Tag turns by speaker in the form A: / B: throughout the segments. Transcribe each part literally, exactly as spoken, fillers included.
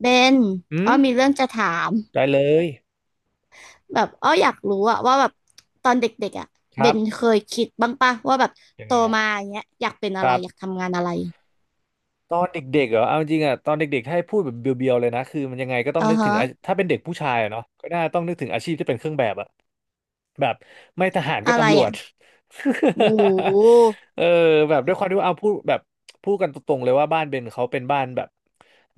A: เบน
B: อื
A: อ้
B: ม
A: อมีเรื่องจะถาม
B: ได้เลย
A: แบบอ้ออยากรู้อะว่าแบบตอนเด็กๆอะ
B: ค
A: เบ
B: รับ
A: นเคยคิดบ้างปะว่าแบบ
B: ยัง
A: โต
B: ไงอ่ะ
A: มาอย่างเงี้ยอยากเป็น
B: ค
A: อะไร
B: รับ
A: อยากทำงานอะไร
B: ตอนเด็กๆเหรอเอาจริงอ่ะตอนเด็กๆถ้าให้พูดแบบเบียวๆเลยนะคือมันยังไงก็ต้อง
A: อ่า
B: นึกถึ
A: ฮะ
B: งอาถ้าเป็นเด็กผู้ชายอะเนาะก็น่าต้องนึกถึงอาชีพที่เป็นเครื่องแบบอะ แบบไม่ทหารก็
A: อะไร
B: ตำรว
A: อะ
B: จ
A: โอ้โหมู
B: เออแบบด้วยความที่ว่าเอาพูดแบบพูดกันตรงๆเลยว่าบ้านเบนเขาเป็นบ้านแบบ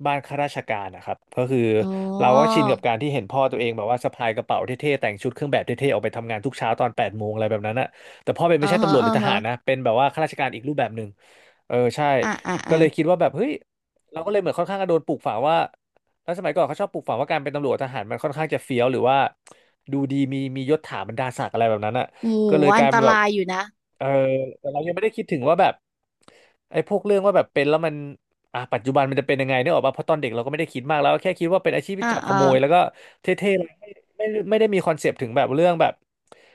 B: บ้านข้าราชการนะครับก็คือ
A: อ๋
B: เราก็
A: อ
B: ชินกับการที่เห็นพ่อตัวเองแบบว่าสะพายกระเป๋าเท่ๆแต่งชุดเครื่องแบบเท่ๆออกไปทำงานทุกเช้าตอนแปดโมงอะไรแบบนั้นอะแต่พ่อเบน
A: อ่อ
B: ไม่ใช่
A: ฮะ
B: ตำรวจหรื
A: อ่า
B: อท
A: ฮะ
B: หารนะเป็นแบบว่าข้าราชการอีกรูปแบบหนึ่งเออใช่
A: อ่าอ่า
B: ก็
A: อ่า
B: เลยคิดว่าแบบเฮ้ยเราก็เลยเหมือนค่อนข้างจะโดนปลูกฝังว่า แล้วสมัยก่อนเขาชอบปลูกฝังว่าการเป็นตำรวจทหารมันค่อนข้างจะเฟี้ยวหรือว่าดูดีมีมียศถาบรรดาศักดิ์อะไรแบบนั้นอ่ะ
A: โอ้
B: ก็เลย
A: โห
B: ก
A: อั
B: ลา
A: น
B: ย
A: ต
B: เป็นแบบ
A: รายอยู่นะ
B: เออแต่เรายังไม่ได้คิดถึงว่าแบบไอ้พวกเรื่องว่าแบบเป็นแล้วมันอ่ะปัจจุบันมันจะเป็นยังไงเนี่ยออกมาเพราะตอนเด็กเราก็ไม่ได้คิดมากแล้วแค่คิดว่าเป็นอาชีพที่
A: อ่า
B: จับข
A: อ่า
B: โมยแล้วก็เท่ๆแล้วไม่ไม่ไม่ได้มีคอนเซปต์ถึงแบบเรื่องแบบ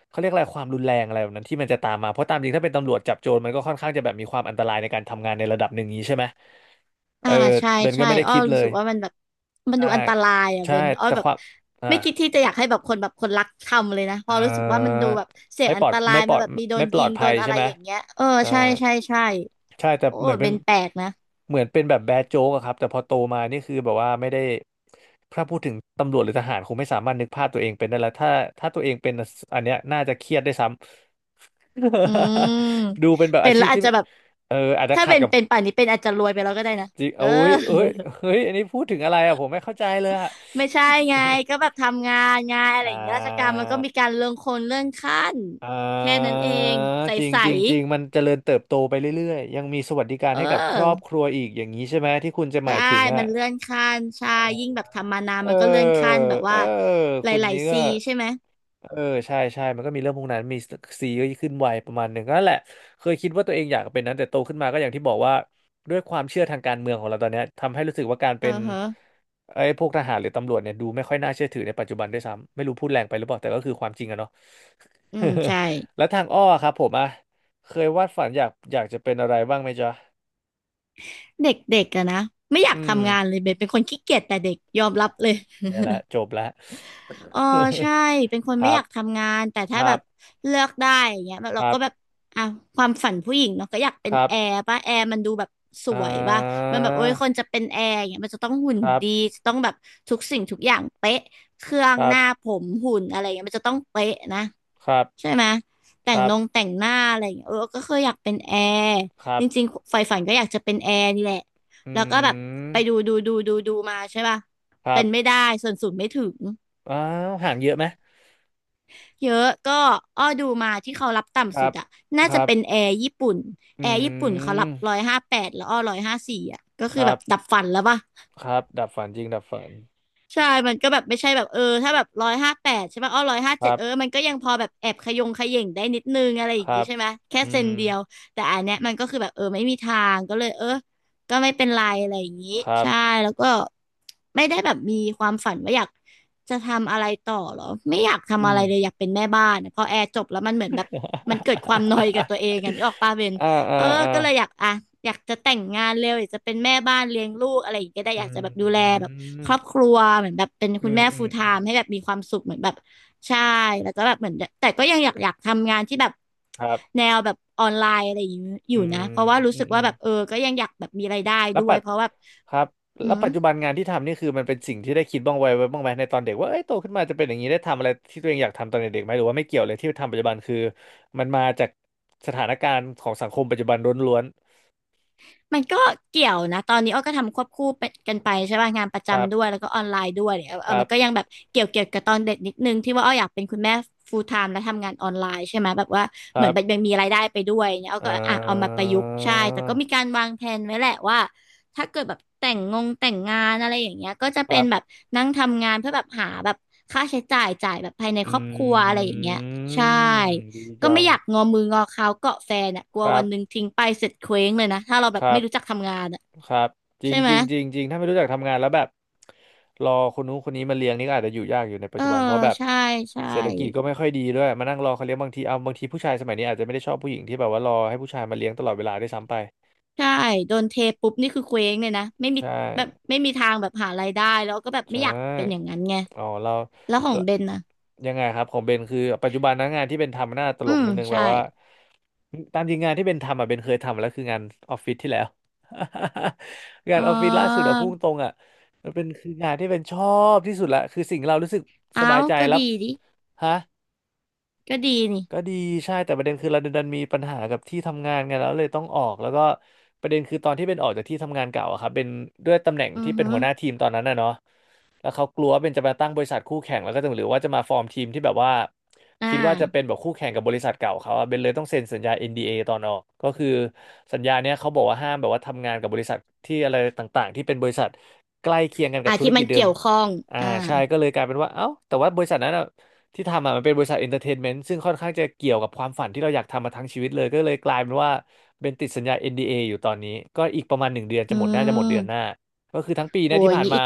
B: เขาเรียกอะไรความรุนแรงอะไรแบบนั้นที่มันจะตามมาเพราะตามจริงถ้าเป็นตำรวจจับโจรมันก็ค่อนข้างจะแบบมีความอันตรายในการทำงานในระดับหนึ่งนี้ใช่ไหมเอ
A: อ่า
B: อ
A: ใช่
B: เบนก็
A: ใช่
B: ไม่ได้
A: อ้อ
B: คิดเล
A: รู้สึ
B: ย
A: กว่ามันแบบมัน
B: ใช่
A: ดูอันตรายอ่ะ
B: ใช่
A: เบนอ้อ
B: แต่
A: แบ
B: ค
A: บ
B: วามอ่า
A: ไม่คิดที่จะอยากให้แบบคนแบบคนรักทำเลยนะเพ
B: เอ
A: อรู้สึกว่ามันดู
B: อ
A: แบบเสี่ยง
B: ไม่ป
A: อั
B: ล
A: น
B: อ
A: ต
B: ด
A: ราย
B: ไม่ปล
A: มา
B: อด
A: แบบมีโด
B: ไม่
A: น
B: ปล
A: ยิ
B: อด
A: งโด
B: ภัย
A: นอะ
B: ใช่
A: ไร
B: ไหม
A: อย่างเงี้ยเออ
B: ใช่
A: ใช่ใช่ใช่
B: ใช่แต่
A: โอ้
B: เหมือน
A: เบ
B: เป็น
A: นแปลกนะ
B: เหมือนเป็นแบบแบดโจ๊กอะครับแต่พอโตมานี่คือแบบว่าไม่ได้ถ้าพูดถึงตำรวจหรือทหารคงไม่สามารถนึกภาพตัวเองเป็นได้แล้วถ้าถ้าตัวเองเป็นอันเนี้ยน่าจะเครียดได้วยซ้ำ
A: อืม
B: ดูเป็นแบบ
A: เป็
B: อา
A: น
B: ชี
A: แล้ว
B: พ
A: อา
B: ที่
A: จจะแบบ
B: เอออาจจะ
A: ถ้า
B: ขัด
A: เป็น
B: กับ
A: เป็นป่านนี้เป็นอาจจะรวยไปแล้วก็ได้นะ
B: จริง
A: เอ
B: โอ้
A: อ
B: ยเอ้ยเฮ้ยอันนี้พูดถึงอะไรอะผมไม่เข้าใจเลยอะ
A: ไม่ใช่ไงก็แบ บทำงานไงานอะไร
B: อ่
A: อย่างเงี้ยราชการ
B: า
A: มันก็มีการเลื่อนคนเลื่อนขั้น
B: อ่
A: แค่นั้น
B: า
A: เองใ
B: จริง
A: ส
B: จริงจริงมันเจริญเติบโตไปเรื่อยๆยังมีสวัสดิกา
A: ๆ
B: ร
A: เ
B: ให้กับครอบ
A: ออ
B: ครัวอีกอย่างนี้ใช่ไหมที่คุณจะห
A: ใช่
B: มายถึงอ่ะ
A: มันเลื่อนขั้นใช่ยิ่งแบบทำมานาน
B: เอ
A: มันก็เลื่อนขั้น
B: อ
A: แบบ
B: เอ
A: ว่า
B: อ
A: ห
B: คุณ
A: ลาย
B: นี้
A: ๆซี
B: ก็
A: ใช่ไหม
B: เออใช่ใช่มันก็มีเรื่องพวกนั้นมีซีก็ขึ้นไวประมาณหนึ่งก็นั่นแหละเคยคิดว่าตัวเองอยากเป็นนั้นแต่โตขึ้นมาก็อย่างที่บอกว่าด้วยความเชื่อทางการเมืองของเราตอนเนี้ยทำให้รู้สึกว่าการ
A: เอ
B: เป็
A: อ
B: น
A: ฮะ
B: ไอ้พวกทหารหรือตำรวจเนี่ยดูไม่ค่อยน่าเชื่อถือในปัจจุบันด้วยซ้ำไม่รู้พูดแรงไปหรือเปล่าแต่ก็คือความจริงอะเนาะ
A: อืม ใช่
B: แล้วทางอ้อครับผมอะเคยวาดฝันอยากอยากจะเป็นอะไรบ้างไหมจ๊ะ
A: เด็ก ๆอะนะ ไม่อยา
B: อื
A: ก
B: ม
A: ทำงานเลยเบนเป็นคนขี้เกียจแต่เด็กยอมรับเลย
B: เนี่ยละจบละ
A: เออใช่เป็นคน
B: ค
A: ไม่
B: รั
A: อ
B: บ
A: ยากทำงานแต่
B: ค
A: ถ้าแบ
B: รั
A: บ
B: บ
A: เลือกได้อย่างเงี้ยแบบ
B: ค
A: เรา
B: รั
A: ก็
B: บ
A: แบบอ่ะความฝันผู้หญิงเนาะก็อยากเป็
B: ค
A: น
B: รับ
A: แอร์ป่ะแอร์มันดูแบบส
B: อ่
A: วยป่ะ
B: า
A: มันแบบโอ้ยคนจะเป็นแอร์อย่างเงี้ยมันจะต้องหุ่น
B: ครับ
A: ดีจะต้องแบบทุกสิ่งทุกอย่างเป๊ะเครื่อ
B: ค
A: ง
B: รั
A: ห
B: บ
A: น้าผมหุ่นอะไรเงี้ยมันจะต้องเป๊ะนะ
B: ครับ
A: ใช่ไหมแต่
B: ค
A: ง
B: รั
A: น
B: บ
A: งแต่งหน้าอะไรอย่างเงี้ยเออก็เคยอยากเป็นแอร์
B: ครั
A: จ
B: บ
A: ริงๆใฝ่ฝันก็อยากจะเป็นแอร์นี่แหละ
B: อื
A: แล้วก็แบบไปดู
B: ม
A: ดูดูดูดูมาใช่ป่ะ
B: ครั
A: เป็นไม่
B: บ
A: ได้ส่วนสูงไม่ถึง
B: อ้าวห่างเยอะไหม
A: เยอะก็อ้อดูมาที่เขารับ
B: ค
A: ต่ำ
B: รั
A: สุด
B: บ
A: อะน่า
B: ค
A: จะ
B: รับ
A: เป็นแอร์ญี่ปุ่น
B: อื
A: แอร์ญี่ปุ่นเขารับร้อ
B: ม
A: ยห้าแปดแล้วอ้อหนึ่งร้อยห้าสิบสี่อะก็
B: ค
A: คือ
B: รั
A: แบ
B: บ
A: บดับฝันแล้วป่ะ
B: ครับดับฝันจริงดับฝัน
A: ใช่มันก็แบบไม่ใช่แบบเออถ้าแบบร้อยห้าแปดใช่ป่ะอ้อร้อยห้า
B: ค
A: เจ็
B: รั
A: ดเออ
B: บ
A: มันก็ยังพอแบบแอบขยงขย่งได้นิดนึงอะไรอ
B: ค
A: ย่าง
B: รั
A: งี้
B: บ
A: ใช่ไหมแค่
B: อื
A: เซน
B: ม
A: เดียวแต่อันเนี้ยมันก็คือแบบเออไม่มีทางก็เลยเออก็ไม่เป็นไรอะไรอย่างงี้
B: ครับ
A: ใช่แล้วก็ไม่ได้แบบมีความฝันว่าอยากจะทำอะไรต่อหรอไม่อยาก
B: อื
A: ทำอะไร
B: ม
A: เลยอยากเป็นแม่บ้านอะพอแอร์จบแล้วมันเหมือนแบบมันเกิดความนอยกับตัวเองอ่ะนึกออกปะเบน
B: อ่าอ่า
A: เออ
B: อ่า
A: ก็เลยอยากอ่ะอยากจะแต่งงานเร็วอยากจะเป็นแม่บ้านเลี้ยงลูกอะไรอย่างเงี้ยก็ได้
B: อื
A: อยากจะแบบดูแลแบ
B: ม
A: บ ครอบครัวเหมือนแบบเป็น
B: อื
A: คุณ
B: ม
A: แม่
B: อืม
A: full
B: อืม
A: time ให้แบบมีความสุขเหมือนแบบใช่แล้วก็แบบเหมือนแต่ก็ยังอยากอยากทำงานที่แบบ
B: ครับ
A: แนวแบบออนไลน์อะไรอยู่อ
B: อื
A: ยู่นะ
B: ม
A: เพราะว่ารู้
B: อื
A: สึ
B: ม
A: ก
B: อื
A: ว่า
B: ม
A: แบบเออก็ยังอยากแบบมีรายได้
B: แล้ว
A: ด้ว
B: ปั
A: ย
B: จ
A: เพราะแบบ
B: ครับ
A: อื
B: แล้ว
A: ม
B: ปัจจุบันงานที่ทำนี่คือมันเป็นสิ่งที่ได้คิดบ้างไว้ไว้บ้างไหมในตอนเด็กว่าเอ้ยโตขึ้นมาจะเป็นอย่างนี้ได้ทำอะไรที่ตัวเองอยากทำตอนเด็กๆไหมหรือว่าไม่เกี่ยวเลยที่ทำปัจจุบันคือมันมาจากสถานการณ์ของสังคมปัจจุบันล้วน
A: มันก็เกี่ยวนะตอนนี้อ้อก็ทำควบคู่ไปกันไปใช่ป่ะงานประ
B: ๆครับ
A: จำด้วยแล้วก็ออนไลน์ด้วยเนี่ย
B: ค
A: เออ
B: รั
A: มั
B: บ
A: นก็ยังแบบเกี่ยวเกี่ยวกับตอนเด็กนิดนึงที่ว่าอ้ออยากเป็นคุณแม่ full time และทำงานออนไลน์ใช่ไหมแบบว่า
B: ค
A: เหมื
B: รั
A: อนแบบยั
B: บ
A: งมีรายได้ไปด้วยเนี่ยอ้อ
B: อ่
A: ก็อ่ะเอามาป
B: า
A: ระยุกต์ใช่แต่ก็มีการวางแผนไว้แหละว่าถ้าเกิดแบบแต่งงงแต่งงานอะไรอย่างเงี้ยก็จะ
B: ค
A: เป็
B: รั
A: นแบบ
B: บ
A: นั่งทำงานเพื่อแบบหาแบบค่าใช้จ่ายจ่ายแบบภายใน
B: อ
A: ครอบครัว
B: ื
A: อะไรอย่างเงี้ยใช่
B: มดี
A: ก็
B: จั
A: ไม่
B: ง
A: อยากงอมืองอเข้าเกาะแฟนอ่ะกลั
B: ค
A: ว
B: รั
A: วั
B: บ
A: นหนึ่งทิ้งไปเสร็จเคว้งเลยนะถ้าเราแบ
B: ค
A: บ
B: รั
A: ไม่
B: บ
A: รู้จักทำงานอ่ะ
B: ครับจริ
A: ใช่
B: ง
A: ไห
B: จ
A: ม
B: ริงจริงจริงถ้าไม่รู้จักทำงานแล้วแบบรอคนนู้นคนนี้มาเลี้ยงนี่ก็อาจจะอยู่ยากอยู่ในปั
A: เอ
B: จ
A: อ
B: จุบันเพราะแบบ
A: ใช่ใช่
B: เศรษฐกิจก็ไม่ค่อยดีด้วยมานั่งรอเขาเลี้ยงบางทีเอาบางทีผู้ชายสมัยนี้อาจจะไม่ได้ชอบผู้หญิงที่แบบว่ารอให้ผู้ชายมาเลี้ยงตลอดเวลาได้วยซ้ำไป
A: ใช่โดนเทปุ๊บนี่คือเคว้งเลยนะไม่มี
B: ใช่
A: แบบไม่มีทางแบบหารายได้แล้วก็แบบไม่
B: ใช่
A: อยากเป็นอย่างนั้นไง
B: อ๋อเรา
A: แล้วของ
B: เรา
A: เบนนะ
B: ยังไงครับของเบนคือปัจจุบันนะงานที่เบนทำมันน่าตล
A: อื
B: ก
A: ม
B: นิดนึงแบ
A: ใช่
B: บว่าตามจริงงานที่เบนทำอ่ะเบนเคยทำมาแล้วคืองานออฟฟิศที่แล้ว งาน
A: อ๋อ
B: ออฟฟิศล่าสุดอ่ะพุ่งตรงๆอ่ะมันเป็นคืองานที่เบนชอบที่สุดละคือสิ่งเรารู้สึกส
A: เอา
B: บายใจ
A: ก็
B: รับ
A: ดีดิ
B: ฮะ
A: ก็ดีนี่
B: ก็ดีใช่แต่ประเด็นคือเราดันมีปัญหากับที่ทำงานไงแล้วเลยต้องออกแล้วก็ประเด็นคือตอนที่เป็นออกจากที่ทำงานเก่าอะครับเป็นด้วยตำแหน่ง
A: อื
B: ที่เป็นหัวหน้า
A: ออ
B: ทีมตอนนั้นนะเนาะแล้วเขากลัวว่าเป็นจะมาตั้งบริษัทคู่แข่งแล้วก็จะหรือว่าจะมาฟอร์มทีมที่แบบว่า
A: อ่า
B: คิดว่าจะเป็นแบบคู่แข่งกับบริษัทเก่าเขาอะเบนเลยต้องเซ็นสัญญา เอ็น ดี เอ ตอนออกก็คือสัญญาเนี้ยเขาบอกว่าห้ามแบบว่าทำงานกับบริษัทที่อะไรต่างๆที่เป็นบริษัทใกล้เคียงกันกั
A: อ่า
B: บธุร
A: ที่มั
B: กิจ
A: น
B: เดิ
A: เกี่
B: ม
A: ยวข้อง
B: อ่า
A: อ่า
B: ใช่ก็เลยกลายเป็นว่าเอ้าแต่ว่าบริษัทนั้นอะ ที่ทำอ่ะมันเป็นบริษัทเอนเตอร์เทนเมนต์ซึ่งค่อนข้างจะเกี่ยวกับความฝันที่เราอยากทำมาทั้งชีวิตเลย ก็เลยกลายเป็นว่าเป็นติดสัญญา เอ็น ดี เอ อนดีเออยู่ตอนนี้ ก็อีกประมาณหนึ่งเดือนจะ
A: อื
B: หมดน่าจะหมดเดือนหน้า
A: ม
B: ก็คือทั้งปี
A: โอ้
B: เนะ
A: ย
B: ที่
A: อย่า
B: ผ่า
A: ง
B: น
A: งี้
B: มา
A: อีก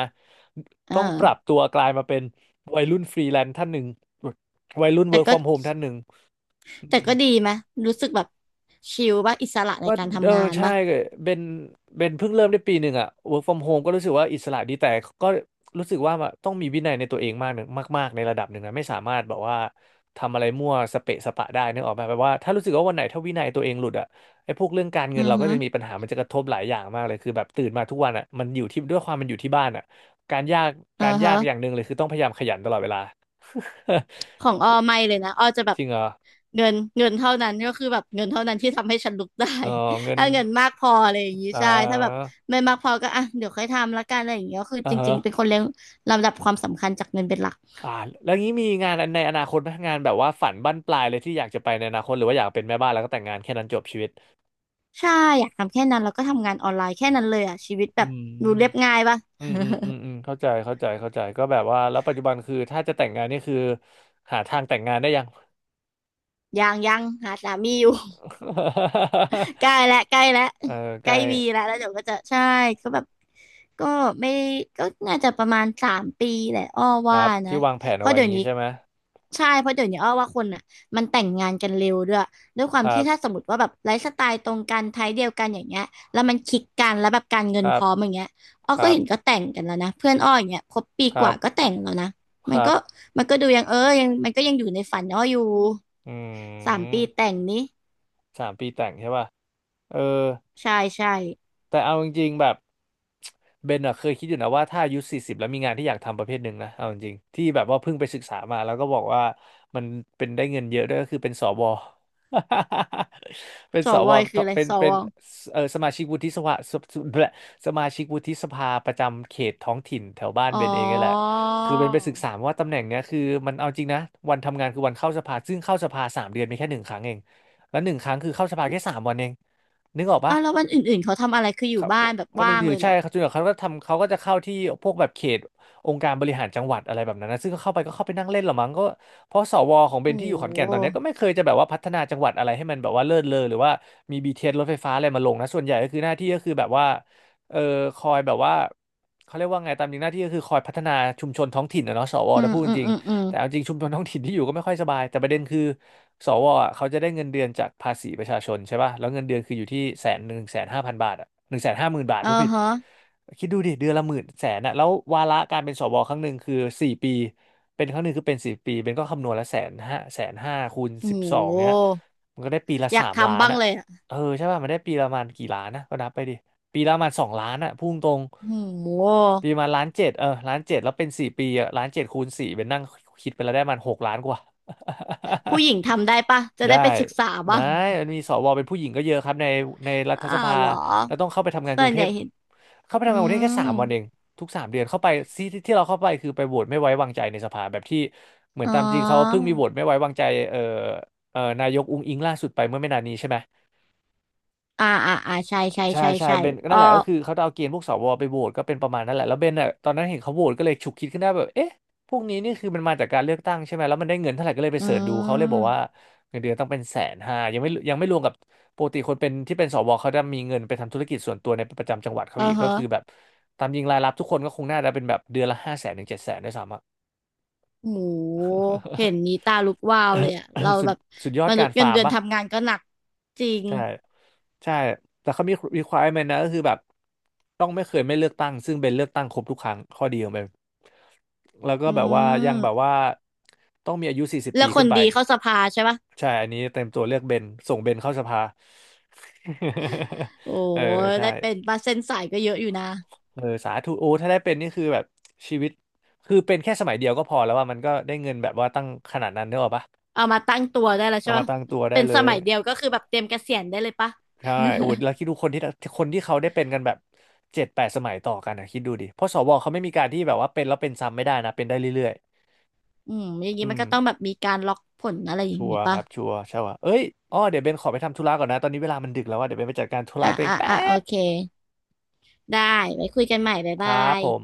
B: ต้
A: อ่า
B: องปรับตัวกลายมาเป็นวัยรุ่นฟรีแลนซ์ท่านหนึ่งวัยรุ่นเวิ
A: แต่
B: ร์กฟ
A: ก็
B: อร์มโฮมท่านหนึ่ง
A: แต่ก็ดีไหมรู้สึกแบบชิลป่ะอิสระใน
B: ก็
A: การ
B: เออ
A: ทำงาน
B: ใช่
A: ป่ะ
B: เป็นเป็นเพิ่งเริ่มได้ปีหนึ่งอะ work from home ก็รู้สึกว่าอิสระดีแต่ก็รู้สึกว่าต้องมีวินัยในตัวเองมากหนึ่งมากๆในระดับหนึ่งนะไม่สามารถแบบว่าทำอะไรมั่วสเปะสปะได้นึกออกไหมแบบว่าถ้ารู้สึกว่าวันไหนถ้าวินัยตัวเองหลุดอะไอ้พวกเรื่องการเงิ
A: อื
B: น
A: อ
B: เราก็
A: ฮึ
B: จะมีปัญหามันจะกระทบหลายอย่างมากเลยคือแบบตื่นมาทุกวันอะมันอยู่ที่ด้วยความมันอยู่ที่บ้านอะการยาก
A: อื
B: การ
A: อ
B: ยา
A: ฮะ
B: กอย่างหนึ่งเลยคือต้องพยายามขยันตลอดเวลา
A: ของออไม่เลยนะออจะแบ
B: จ
A: บ
B: ริงเหรอ
A: เงินเงินเท่านั้นก็คือแบบเงินเท่านั้นที่ทำให้ฉันลุกได้
B: เออเงิ น
A: ถ้าเงินมากพออะไรอย่างนี้
B: อ่
A: ใช่ถ้าแบบ
B: า
A: ไม่มากพอก็อ่ะเดี๋ยวค่อยทำละกันอะไรอย่างเงี้ยก็คือ
B: อ่า
A: จ
B: ฮะ
A: ริงๆเป็นคนเลี้ยงลำดับความสำคัญจากเงินเป็นหลัก
B: อ่าแล้วงี้มีงานในอนาคตไหมงานแบบว่าฝันบั้นปลายเลยที่อยากจะไปในอนาคตหรือว่าอยากเป็นแม่บ้านแล้วก็แต่งงานแค่นั้นจบชีวิต
A: ใช่อยากทำแค่นั้นแล้วก็ทำงานออนไลน์แค่นั้นเลยอ่ะชีวิตแบ
B: อื
A: บดู
B: ม
A: เรียบง่ายป่ะ
B: อืมอืมอืมอืมเข้าใจเข้าใจเข้าใจก็แบบว่าแล้วปัจจุบันคือถ้าจะแต่งงานนี่คือหาทางแต่งงานได้ยัง
A: ยังยังหาสามีอยู่ ใกล้ และใกล้และ
B: เออใก
A: ใกล้
B: ล้
A: มีและแล้วเดี๋ยวก็จะใช่ก็แบบก็ไม่ก็น่าจะประมาณสามปีแหละอ้อ
B: ค
A: ว่า
B: รับ
A: นะ
B: ที่วางแผน
A: เพ
B: เอา
A: ราะ
B: ไว้อ
A: เดี๋ย
B: ย่าง
A: ว
B: นี้
A: นี้
B: ใช่ไหม
A: ใช่เพราะเดี๋ยวนี้อ้อว่าคนอ่ะมันแต่งงานกันเร็วด้วยด้วยควา
B: ค
A: ม
B: รั
A: ที่ถ้า
B: บ
A: สมมติว่าแบบไลฟ์สไตล์ตรงกันไทป์เดียวกันอย่างเงี้ยแล้วมันคลิกกันแล้วแบบการเงิ
B: ค
A: น
B: รั
A: พ
B: บ
A: ร้อมอย่างเงี้ยอ้อ
B: ค
A: ก็
B: รับ
A: เห็นก็แต่งกันแล้วนะเพื่อนอ้ออย่างเงี้ยคบปี
B: ค
A: ก
B: รั
A: ว่า
B: บ
A: ก็แต่งแล้วนะ
B: ค
A: มัน
B: รั
A: ก็
B: บ
A: มันก็ดูยังเออยังมันก็ยังอยู่ในฝันอ้ออยู่
B: อื
A: สามปี
B: ม
A: แต่งนี้
B: สามปีแต่งใช่ป่ะเออ
A: ใช่ใช่
B: แต่เอาจริงๆแบบเบนอะเคยคิดอยู่นะว่าถ้าอายุสี่สิบแล้วมีงานที่อยากทำประเภทหนึ่งนะเอาจริงๆที่แบบว่าเพิ่งไปศึกษามาแล้วก็บอกว่ามันเป็นได้เงินเยอะด้วยก็คือเป็นสว เป็น
A: ส
B: ส
A: ว
B: ว
A: ยคืออะไร
B: เป็น
A: ส
B: เป็
A: ว
B: น
A: อ
B: เออสมาชิกวุฒิสภาสแบะสมาชิกวุฒิสภาประจำเขตท้องถิ่นแถวบ้าน
A: อ๋อ
B: เบนเองนี่แหละคือเบนไปศึกษามาว่าตำแหน่งเนี้ยคือมันเอาจริงนะวันทำงานคือวันเข้าสภาซึ่งเข้าสภาสามเดือนมีแค่หนึ่งครั้งเองแล้วหนึ่งครั้งคือเข้าสภาแค่สามวันเองนึกออกปะ
A: อ้าวแล้ววันอื่นๆเขาทำอะไรคืออ
B: ค
A: ยู่
B: รับ
A: บ้านแบบ
B: วันห
A: ว่า
B: นึ่ง
A: งเล
B: ถึง
A: ยเหร
B: ใช่
A: อ
B: ครับจนกว่าเขาก็ทำเขาก็จะเข้าที่พวกแบบเขตองค์การบริหารจังหวัดอะไรแบบนั้นนะซึ่งก็เข้าไปก็เข้าไปนั่งเล่นหรอมั้งก็เพราะสวของเบ
A: โอ้
B: น
A: โ
B: ที่อยู่ขอนแก่นตอนเนี้ย
A: ห
B: ก็ไม่เคยจะแบบว่าพัฒนาจังหวัดอะไรให้มันแบบว่าเลิศเลอหรือว่ามี บี ที เอส รถไฟฟ้าอะไรมาลงนะ ส่วนใหญ่ก็คือหน้าที่ก็คือแบบว่าเออคอยแบบว่าเขาเรียกว่าไงตามจริงหน้าที่ก็คือคอยพัฒนาชุมชนท้องถิ่นนะเนาะสว
A: อื
B: นะ
A: ม
B: พูดจ
A: อืม
B: ริง
A: อืมอืม
B: แต่เอาจริงชุมชนท้องถิ่นที่อยู่ก็ไม่ค่อยสบายแต่ประเด็นคือสวอ่ะเขาจะได้เงินเดือนจากภาษีประชาชนใช่ป่ะแล้วเงินเดือนคืออยู่ที่แสนหนึ่งแสนห้าพันบาทอ่ะหนึ่งแสนห้าหมื่นบาท
A: เออ
B: ผู้ผิด
A: ฮะ
B: คิดดูดิเดือนละหมื่นแสนอะแล้ววาระการเป็นสวครั้งหนึ่งคือสี่ปีเป็นครั้งหนึ่งคือเป็นสี่ปีเป็นก็คำนวณละแสนห้าแสนห้าคูณสิบ
A: โอ้
B: สอง
A: โห
B: เนี้ยมันก็ได้ปีละ
A: อยา
B: สา
A: ก
B: มล้า
A: ทำ
B: น
A: บ้าง
B: อ่ะ
A: เลยอะ
B: เออใช่ป่ะมันได้ปีละประมาณกี่ล้านนะก็นับไปดิ ปีละประมาณสองล้านอะพุ่งตรง
A: โอ้โห
B: ปีประมาณล้านเจ็ดเออล้านเจ็ดแล้วเป็นสี่ปีอะล้านเจ็ดคูณสี่เป็นนั่งคิดไปแล้วได้มันหกล้านกว่า
A: ผู้หญิงทำได้ปะจะ
B: ได้
A: ได้ไปศึกษา
B: ได้
A: บ้าง
B: มันมีสวเป็นผู้หญิงก็เยอะครับในในรั ฐ
A: อ้า
B: สภา
A: วเหรอ
B: แล้วต้องเข้าไปทำงานก
A: ส่
B: รุ
A: ว
B: ง
A: น
B: เท
A: ใหญ่
B: พ
A: เห็น
B: เข้าไป
A: อื
B: ทำงานกรุงเทพแค่สา
A: ม
B: มวันเองทุกสามเดือนเข้าไปที่ที่ที่เราเข้าไปคือไปโหวตไม่ไว้วางใจในสภาแบบที่เหมือน
A: อ๋อ
B: ตามจริงเขาเพิ่งมีโหวตไม่ไว้วางใจเอ่อเอ่อนายกอุ๊งอิ๊งล่าสุดไปเมื่อไม่นานนี้ใช่ไหม
A: อ่าอ่าอ่าใช่ใช่
B: ใช่
A: ใช่
B: ใช่
A: ใช่
B: เบนก็
A: อ๋อ
B: นั่นแหละก็คือเขาจะเอาเกณฑ์พวกสวไปโหวตก็เป็นประมาณนั้นแหละแล้วเบนอ่ะตอนนั้นเห็นเขาโหวตก็เลยฉุกคิดขึ้นได้แบบเอ๊ะพวกนี้นี่คือมันมาจากการเลือกตั้งใช่ไหมแล้วมันได้เงินเท่าไหร่ก็เลยไป
A: อื
B: เสิร์ชดูเขาเลยบอกว่า
A: ม
B: เงินเดือนต้องเป็นแสนห้ายังไม่ยังไม่รวมกับปกติคนเป็นที่เป็นสวเขาจะมีเงินไปทำธุรกิจส่วนตัวในประจำจังหวัดเขา
A: เอ
B: อี
A: อ
B: กก็
A: ฮะ
B: คือแบบตามจริงรายรับทุกคนก็คงน่าจะเป็นแบบเดือนละห้าแสนถึงเจ็ดแสนด้วยซ้ำอะ
A: โหเห็นนี้ ตาลุกวาวเลยอะเรา
B: สุด
A: แบบ
B: สุดยอ
A: ม
B: ด
A: นุ
B: กา
A: ษ
B: ร
A: ย์เงิ
B: ฟา
A: น
B: ร์ม
A: เดือน
B: ปะ
A: ทำงานก็หนักจริง
B: ใช่ใช่แต่เขามี requirement นะก็คือแบบต้องไม่เคยไม่เลือกตั้งซึ่งเป็นเลือกตั้งครบทุกครั้งข้อดีของเปนแล้วก็
A: อื
B: แบบว่ายังแบบ
A: ม
B: ว่าต้องมีอายุสี่สิบ
A: แล้
B: ปี
A: วค
B: ขึ้
A: น
B: นไป
A: ดีเข้าสภาใช่ปะ
B: ใช่อันนี้เต็มตัวเลือกเบนส่งเบนเข้าสภา
A: โอ้
B: เออใช่
A: ได้เป็นปะเส้นสายก็เยอะอยู่นะ
B: เออสาธุโอ้ถ้าได้เป็นนี่คือแบบชีวิตคือเป็นแค่สมัยเดียวก็พอแล้วว่ามันก็ได้เงินแบบว่าตั้งขนาดนั้นเนกอะปะ
A: เอามาตั้งตัวได้แล้วใช่
B: เอามา
A: ปะ
B: ตั้งตัวได้
A: เป็น
B: เล
A: สมั
B: ย
A: ยเดียวก็คือแบบเตรียมเกษียณได้เลยปะ
B: ใช่โอ้โหแล้วคิดดูคนที่คนที่เขาได้เป็นกันแบบเจ็ดแปดสมัยต่อกันนะคิดดูดิเพราะสวเขาไม่มีการที่แบบว่าเป็นแล้วเป็นซ้ำไม่ได้นะเป็นได้เรื่อย
A: อืมอย่าง
B: ๆ
A: นี้
B: อื
A: มัน
B: ม
A: ก็ต้องแบบมีการล็อกผลอะไรอย่าง
B: ชัว
A: นี้
B: ร์ค
A: ปะ
B: รับชัวร์ใช่ว่ะเอ้ยอ้อเดี๋ยวเบนขอไปทำธุระก่อนนะตอนนี้เวลามันดึกแล้วว่าเดี๋ยวเบนไปจัดการธุระ
A: อ่ะ
B: ตัวเอง
A: อ่ะ
B: แป๊
A: อ่ะโอ
B: บ
A: เค ได้ไว้คุยกันใหม่บ๊าย
B: ค
A: บา
B: รับ
A: ย
B: ผม